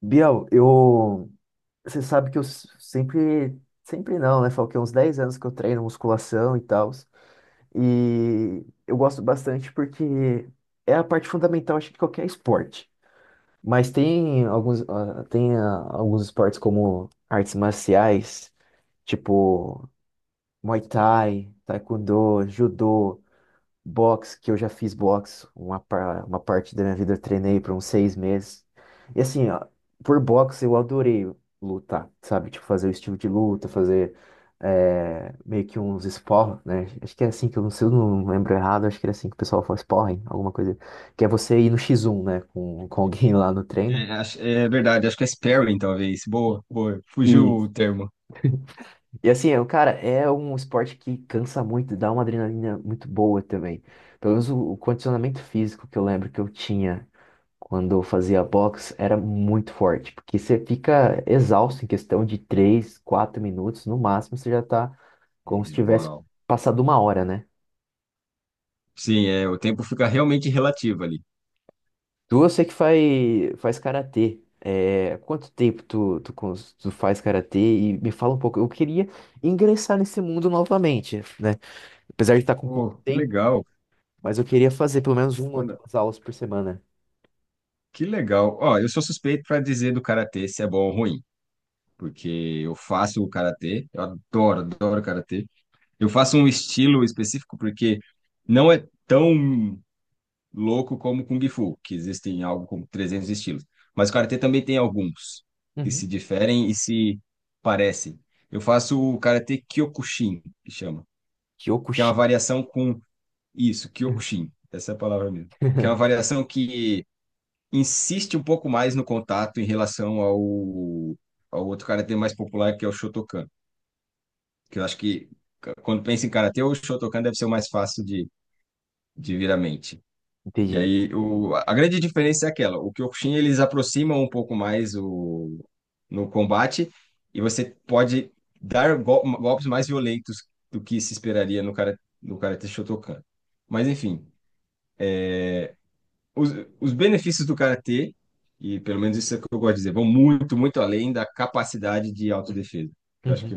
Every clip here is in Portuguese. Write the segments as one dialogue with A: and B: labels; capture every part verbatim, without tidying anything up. A: Biel, eu, você sabe que eu s- sempre, sempre não, né? Falou que é uns dez anos que eu treino musculação e tal. E eu gosto bastante porque é a parte fundamental, acho, de qualquer esporte. Mas tem alguns, ah, tem ah, alguns esportes como artes marciais, tipo Muay Thai, Taekwondo, Judô, boxe, que eu já fiz boxe, uma, par- uma parte da minha vida eu treinei por uns seis meses. E assim, ó, por boxe eu adorei lutar, sabe? Tipo, fazer o estilo de luta, fazer é, meio que uns sparring, né? Acho que é assim que eu não sei, eu não lembro errado, acho que era assim que o pessoal fala sparring, alguma coisa. Que é você ir no X um, né? Com, com alguém lá no treino.
B: É, acho- é verdade, acho que é sparing, talvez. Boa, boa. Fugiu
A: E
B: o termo.
A: E assim, é, cara, é um esporte que cansa muito, dá uma adrenalina muito boa também. Pelo menos o, o condicionamento físico que eu lembro que eu tinha quando eu fazia box, era muito forte, porque você fica exausto em questão de três quatro minutos, no máximo você já tá como se
B: É,
A: tivesse
B: uau.
A: passado uma hora, né?
B: Sim, é, o tempo fica realmente relativo ali.
A: Tu, eu sei que faz, faz karatê. É, quanto tempo tu, tu, cons- tu faz karatê? E me fala um pouco. Eu queria ingressar nesse mundo novamente, né? Apesar de estar com pouco
B: Pô, que
A: tempo,
B: legal.
A: mas eu queria fazer pelo menos uma ou
B: Mano,
A: duas aulas por semana.
B: que legal. Ó, eu sou suspeito para dizer do karatê se é bom ou ruim, porque eu faço o karatê, eu adoro, adoro karatê. Eu faço um estilo específico porque não é tão louco como Kung Fu, que existem algo como trezentos estilos. Mas o karatê também tem alguns que
A: Uhum.
B: se diferem e se parecem. Eu faço o karatê Kyokushin, que chama, que é uma
A: Kyokushin.
B: variação com isso, Kyokushin, essa é a palavra mesmo, que é uma variação que insiste um pouco mais no contato em relação ao, ao outro karatê mais popular, que é o Shotokan, que eu acho que quando pensa em karatê, o Shotokan deve ser o mais fácil de, de vir à mente. E
A: Entendi.
B: aí, o, a grande diferença é aquela, o Kyokushin eles aproximam um pouco mais o, no combate e você pode dar gol- golpes mais violentos do que se esperaria no, cara, no Karate Shotokan. Mas enfim, os, os benefícios do Karatê, e pelo menos isso é o que eu gosto de dizer, vão muito, muito além da capacidade de autodefesa, que eu acho
A: Uhum.
B: que,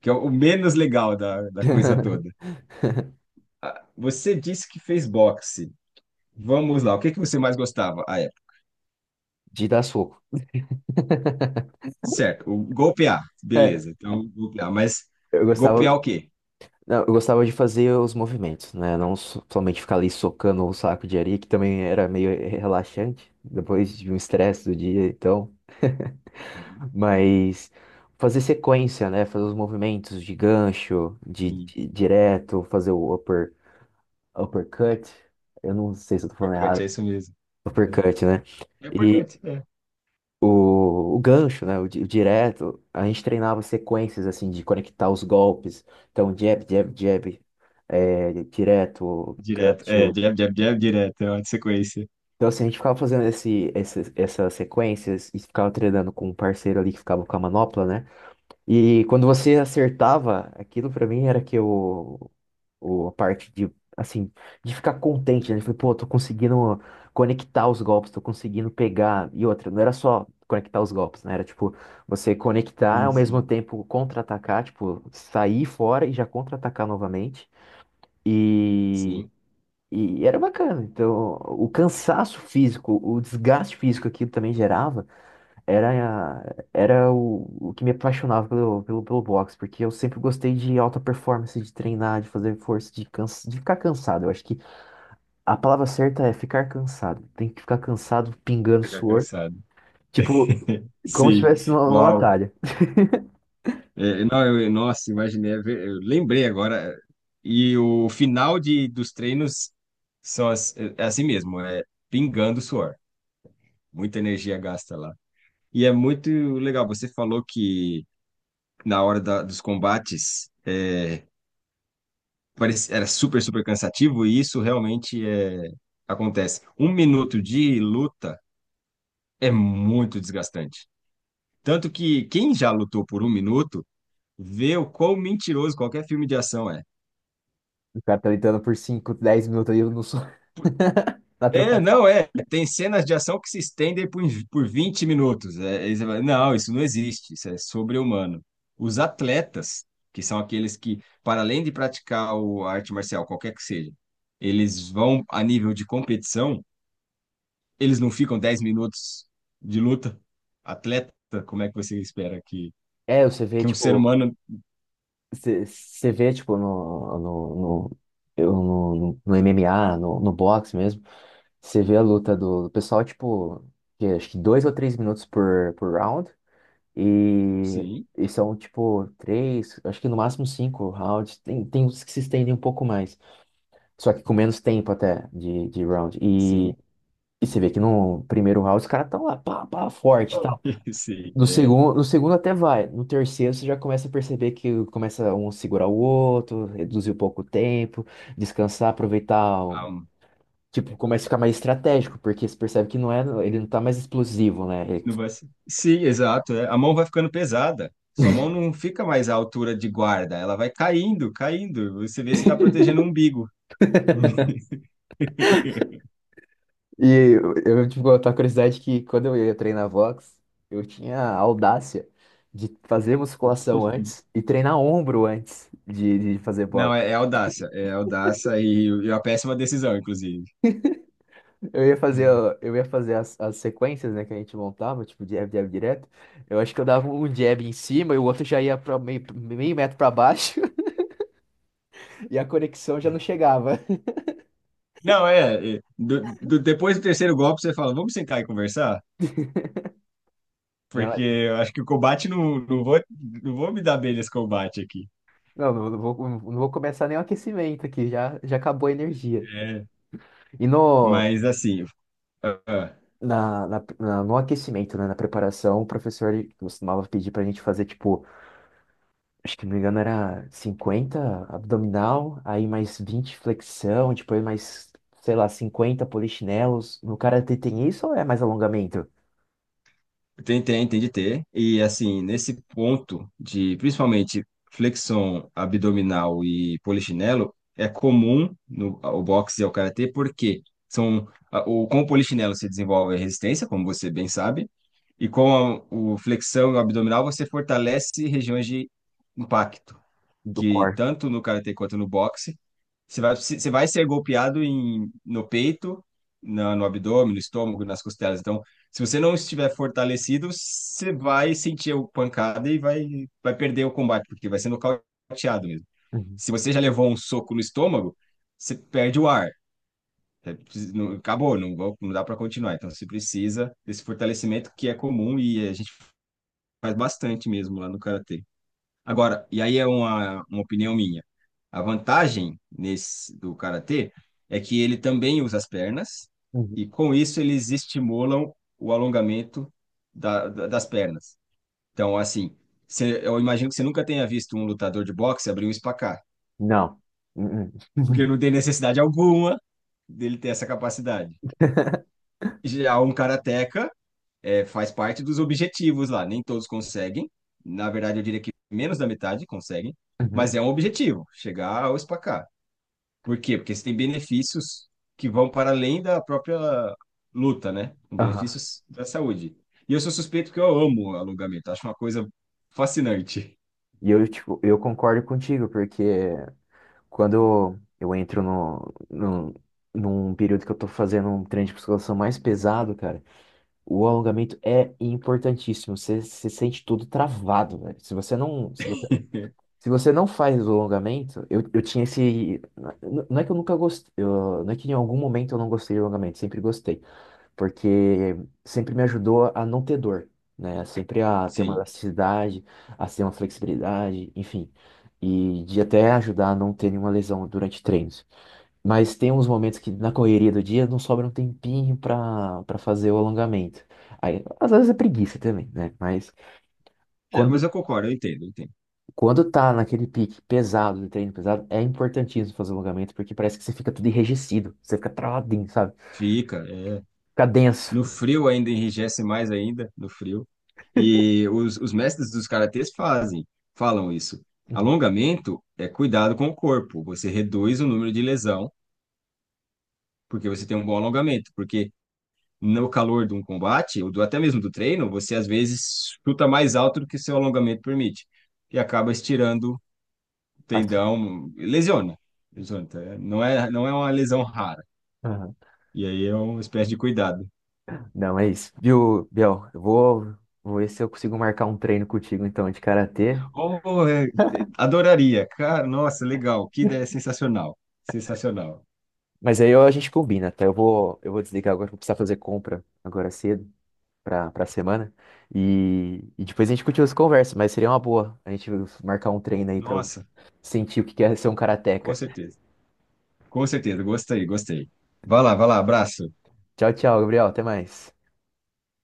B: que é o menos legal da, da coisa toda. Ah, você disse que fez boxe. Vamos lá, o que que você mais gostava? Ah,
A: De dar soco.
B: certo, o golpear, beleza. Então, golpear, mas
A: Eu gostava,
B: golpear o quê?
A: não, eu gostava de fazer os movimentos, né? Não so- Somente ficar ali socando o saco de areia, que também era meio relaxante depois de um estresse do dia, então.
B: Uhum.
A: Mas fazer sequência, né? Fazer os movimentos de gancho, de,
B: Uhum.
A: de- direto, fazer o upper, uppercut. Eu não sei se eu tô falando
B: Uppercut,
A: errado.
B: é isso mesmo. É,
A: Uppercut, né?
B: é uppercut, é.
A: o, o gancho, né? O, di- o direto, a gente treinava sequências assim de conectar os golpes. Então, jab, jab, jab, é, direto,
B: Direto, é,
A: gancho.
B: jab, jab, jab, direto, é uma sequência.
A: Então, assim, a gente ficava fazendo esse, esse- essas sequências e ficava treinando com um parceiro ali que ficava com a manopla, né? E quando você acertava, aquilo pra mim era que o, o, a parte de, assim, de ficar contente, né? Falei, pô, tô conseguindo conectar os golpes, tô conseguindo pegar. E outra, não era só conectar os golpes, né? Era tipo, você conectar
B: Sim,
A: ao mesmo
B: sim,
A: tempo contra-atacar, tipo, sair fora e já contra-atacar novamente. E,
B: sim,
A: e era bacana. Então, o cansaço físico, o desgaste físico que aquilo também gerava. Era, era o, o que me apaixonava pelo, pelo, pelo boxe, porque eu sempre gostei de alta performance, de treinar, de fazer força, de, cansa, de ficar cansado. Eu acho que a palavra certa é ficar cansado. Tem que ficar cansado, pingando
B: pegar
A: suor,
B: cansado.
A: tipo, como se
B: Sim,
A: estivesse numa, numa
B: uau.
A: batalha.
B: É, não, eu- nossa, imaginei, é ver- eu lembrei agora. E o final de, dos treinos são as- é é assim mesmo, é pingando suor, muita energia gasta lá. E é muito legal, você falou que na hora da- dos combates é, parece- era super, super cansativo e isso realmente é, acontece. Um minuto de luta é muito desgastante. Tanto que quem já lutou por um minuto vê o quão mentiroso qualquer filme de ação é.
A: O cara tá lutando por cinco dez minutos aí no suor, na troca.
B: É, não, é. Tem cenas de ação que se estendem por, por vinte minutos. É, aí você fala, não, isso não existe, isso é sobre-humano. Os atletas, que são aqueles que, para além de praticar o- a arte marcial, qualquer que seja, eles vão a nível de competição, eles não ficam dez minutos de luta. Atleta, como é que você espera que,
A: É, você vê,
B: que um ser
A: tipo,
B: humano.
A: você você vê, tipo, no, no, no, eu, no, no- no M M A, no, no boxe mesmo, você vê a luta do, do pessoal, tipo, que acho que dois ou três minutos por, por round, e,
B: Sim,
A: e são, tipo, três, acho que no máximo cinco rounds, tem, tem uns que se estendem um pouco mais. Só que com menos tempo até de, de round. E,
B: sim,
A: e você vê que no primeiro round os caras estão lá, pá, pá, forte e tal.
B: sim,
A: No
B: é.
A: segundo, no segundo até vai. No terceiro você já começa a perceber que começa um a segurar o outro, reduzir um pouco o tempo, descansar, aproveitar. o- Tipo, começa a ficar mais estratégico, porque você percebe que não é, ele não tá mais explosivo, né? Ele-
B: Não vai ser. Sim, exato. É. A mão vai ficando pesada. Sua mão não fica mais à altura de guarda, ela vai caindo, caindo. Você vê se está protegendo o umbigo.
A: E eu, eu tive a curiosidade que quando eu ia treinar Vox, eu tinha a audácia de fazer musculação antes e treinar ombro antes de, de fazer
B: Não,
A: boxe.
B: é, é audácia, é audácia e, e uma péssima decisão, inclusive.
A: Eu ia fazer,
B: É.
A: eu ia fazer as, as sequências, né, que a gente montava, tipo jab, jab direto. Eu acho que eu dava um jab em cima e o outro já ia para meio, meio metro para baixo e a conexão já não chegava.
B: Não, é. É, do- do- depois do terceiro golpe, você fala: vamos sentar e conversar? Porque eu acho que o combate não, não vou, não vou me dar bem nesse combate aqui.
A: Não, não, não vou, não vou começar nem o aquecimento aqui, já, já acabou a energia.
B: É.
A: E no,
B: Mas assim, ah, ah.
A: na, na- na- no aquecimento, né, na preparação, o professor ele costumava pedir pra gente fazer, tipo, acho que não me engano era cinquenta abdominal, aí mais vinte flexão, depois mais, sei lá, cinquenta polichinelos. No karatê tem isso ou é mais alongamento
B: Tem, tem, tem de ter. E assim, nesse ponto de principalmente flexão abdominal e polichinelo, é comum no ao boxe e ao karatê, porque são a- o, com o polichinelo você desenvolve a resistência, como você bem sabe, e com a, o flexão e o abdominal você fortalece regiões de impacto
A: do
B: que
A: core?
B: tanto no karatê quanto no boxe, você vai, você vai ser golpeado em, no peito, na, no abdômen, no estômago, nas costelas. Então, se você não estiver fortalecido, você vai sentir a pancada e vai, vai perder o combate, porque vai ser nocauteado mesmo.
A: Uhum,
B: Se você já levou um soco no estômago, você perde o ar. Você precisa- não- Acabou, não, vou- não dá para continuar. Então, você precisa desse fortalecimento que é comum e a gente faz bastante mesmo lá no karatê. Agora, e aí é uma, uma opinião minha. A vantagem nesse do karatê é que ele também usa as pernas
A: uhum.
B: e com isso eles estimulam o alongamento da, da- das pernas. Então, assim, você- eu imagino que você nunca tenha visto um lutador de boxe abrir um espacar,
A: Não. Uhum.
B: porque não tem necessidade alguma dele ter essa capacidade. Já um karateca é, faz parte dos objetivos lá. Nem todos conseguem. Na verdade, eu diria que menos da metade conseguem,
A: Uhum.
B: mas é um objetivo, chegar ao SPACAR. Por quê? Porque você tem benefícios que vão para além da própria luta, né?
A: Aham.
B: Benefícios da saúde. E eu sou suspeito porque eu amo alongamento, acho uma coisa fascinante.
A: E eu, tipo, eu concordo contigo, porque quando eu entro no, no, num período que eu tô fazendo um treino de musculação mais pesado, cara, o alongamento é importantíssimo. Você se sente tudo travado, velho. Se você não, se se você não faz o alongamento, eu, eu tinha esse. n- Não é que eu nunca gostei. Eu- não é que em algum momento eu não gostei do alongamento, sempre gostei. Porque sempre me ajudou a não ter dor, né? Sempre a ter uma
B: Sim.
A: elasticidade, a ter uma flexibilidade, enfim. E de até ajudar a não ter nenhuma lesão durante treinos. Mas tem uns momentos que na correria do dia não sobra um tempinho para para fazer o alongamento. Aí, às vezes é preguiça também, né? Mas
B: É, mas
A: quando
B: eu concordo, eu entendo, eu entendo.
A: quando tá naquele pique pesado, de treino pesado, é importantíssimo fazer alongamento, porque parece que você fica tudo enrijecido, você fica travadinho, sabe?
B: Fica, é.
A: Fica denso.
B: No frio ainda enrijece mais ainda, no frio. E os, os mestres dos karatês fazem, falam isso.
A: Uhum.
B: Alongamento é cuidado com o corpo. Você reduz o número de lesão porque você tem um bom alongamento. Porque no calor de um combate, ou do, até mesmo do treino, você às vezes chuta mais alto do que seu alongamento permite. E acaba estirando o
A: Mas.
B: tendão, lesiona. Lesiona. Tá? Não é, não é uma lesão rara.
A: Aham.
B: E aí é uma espécie de cuidado.
A: Não, é isso. Viu, Biel? Eu vou, vou ver se eu consigo marcar um treino contigo, então, de karatê.
B: Oh, é, é, adoraria. Cara, nossa, legal. Que ideia sensacional. Sensacional.
A: Mas aí ó, a gente combina, tá? Eu vou, eu vou desligar agora, vou precisar fazer compra agora cedo, pra, pra semana. E, e depois a gente continua essa conversa, mas seria uma boa a gente marcar um treino aí pra
B: Nossa,
A: sentir o que que é ser um
B: com
A: karateca.
B: certeza. Com certeza. Gostei, gostei. Vai lá, vai lá. Abraço.
A: Tchau, tchau, Gabriel. Até mais.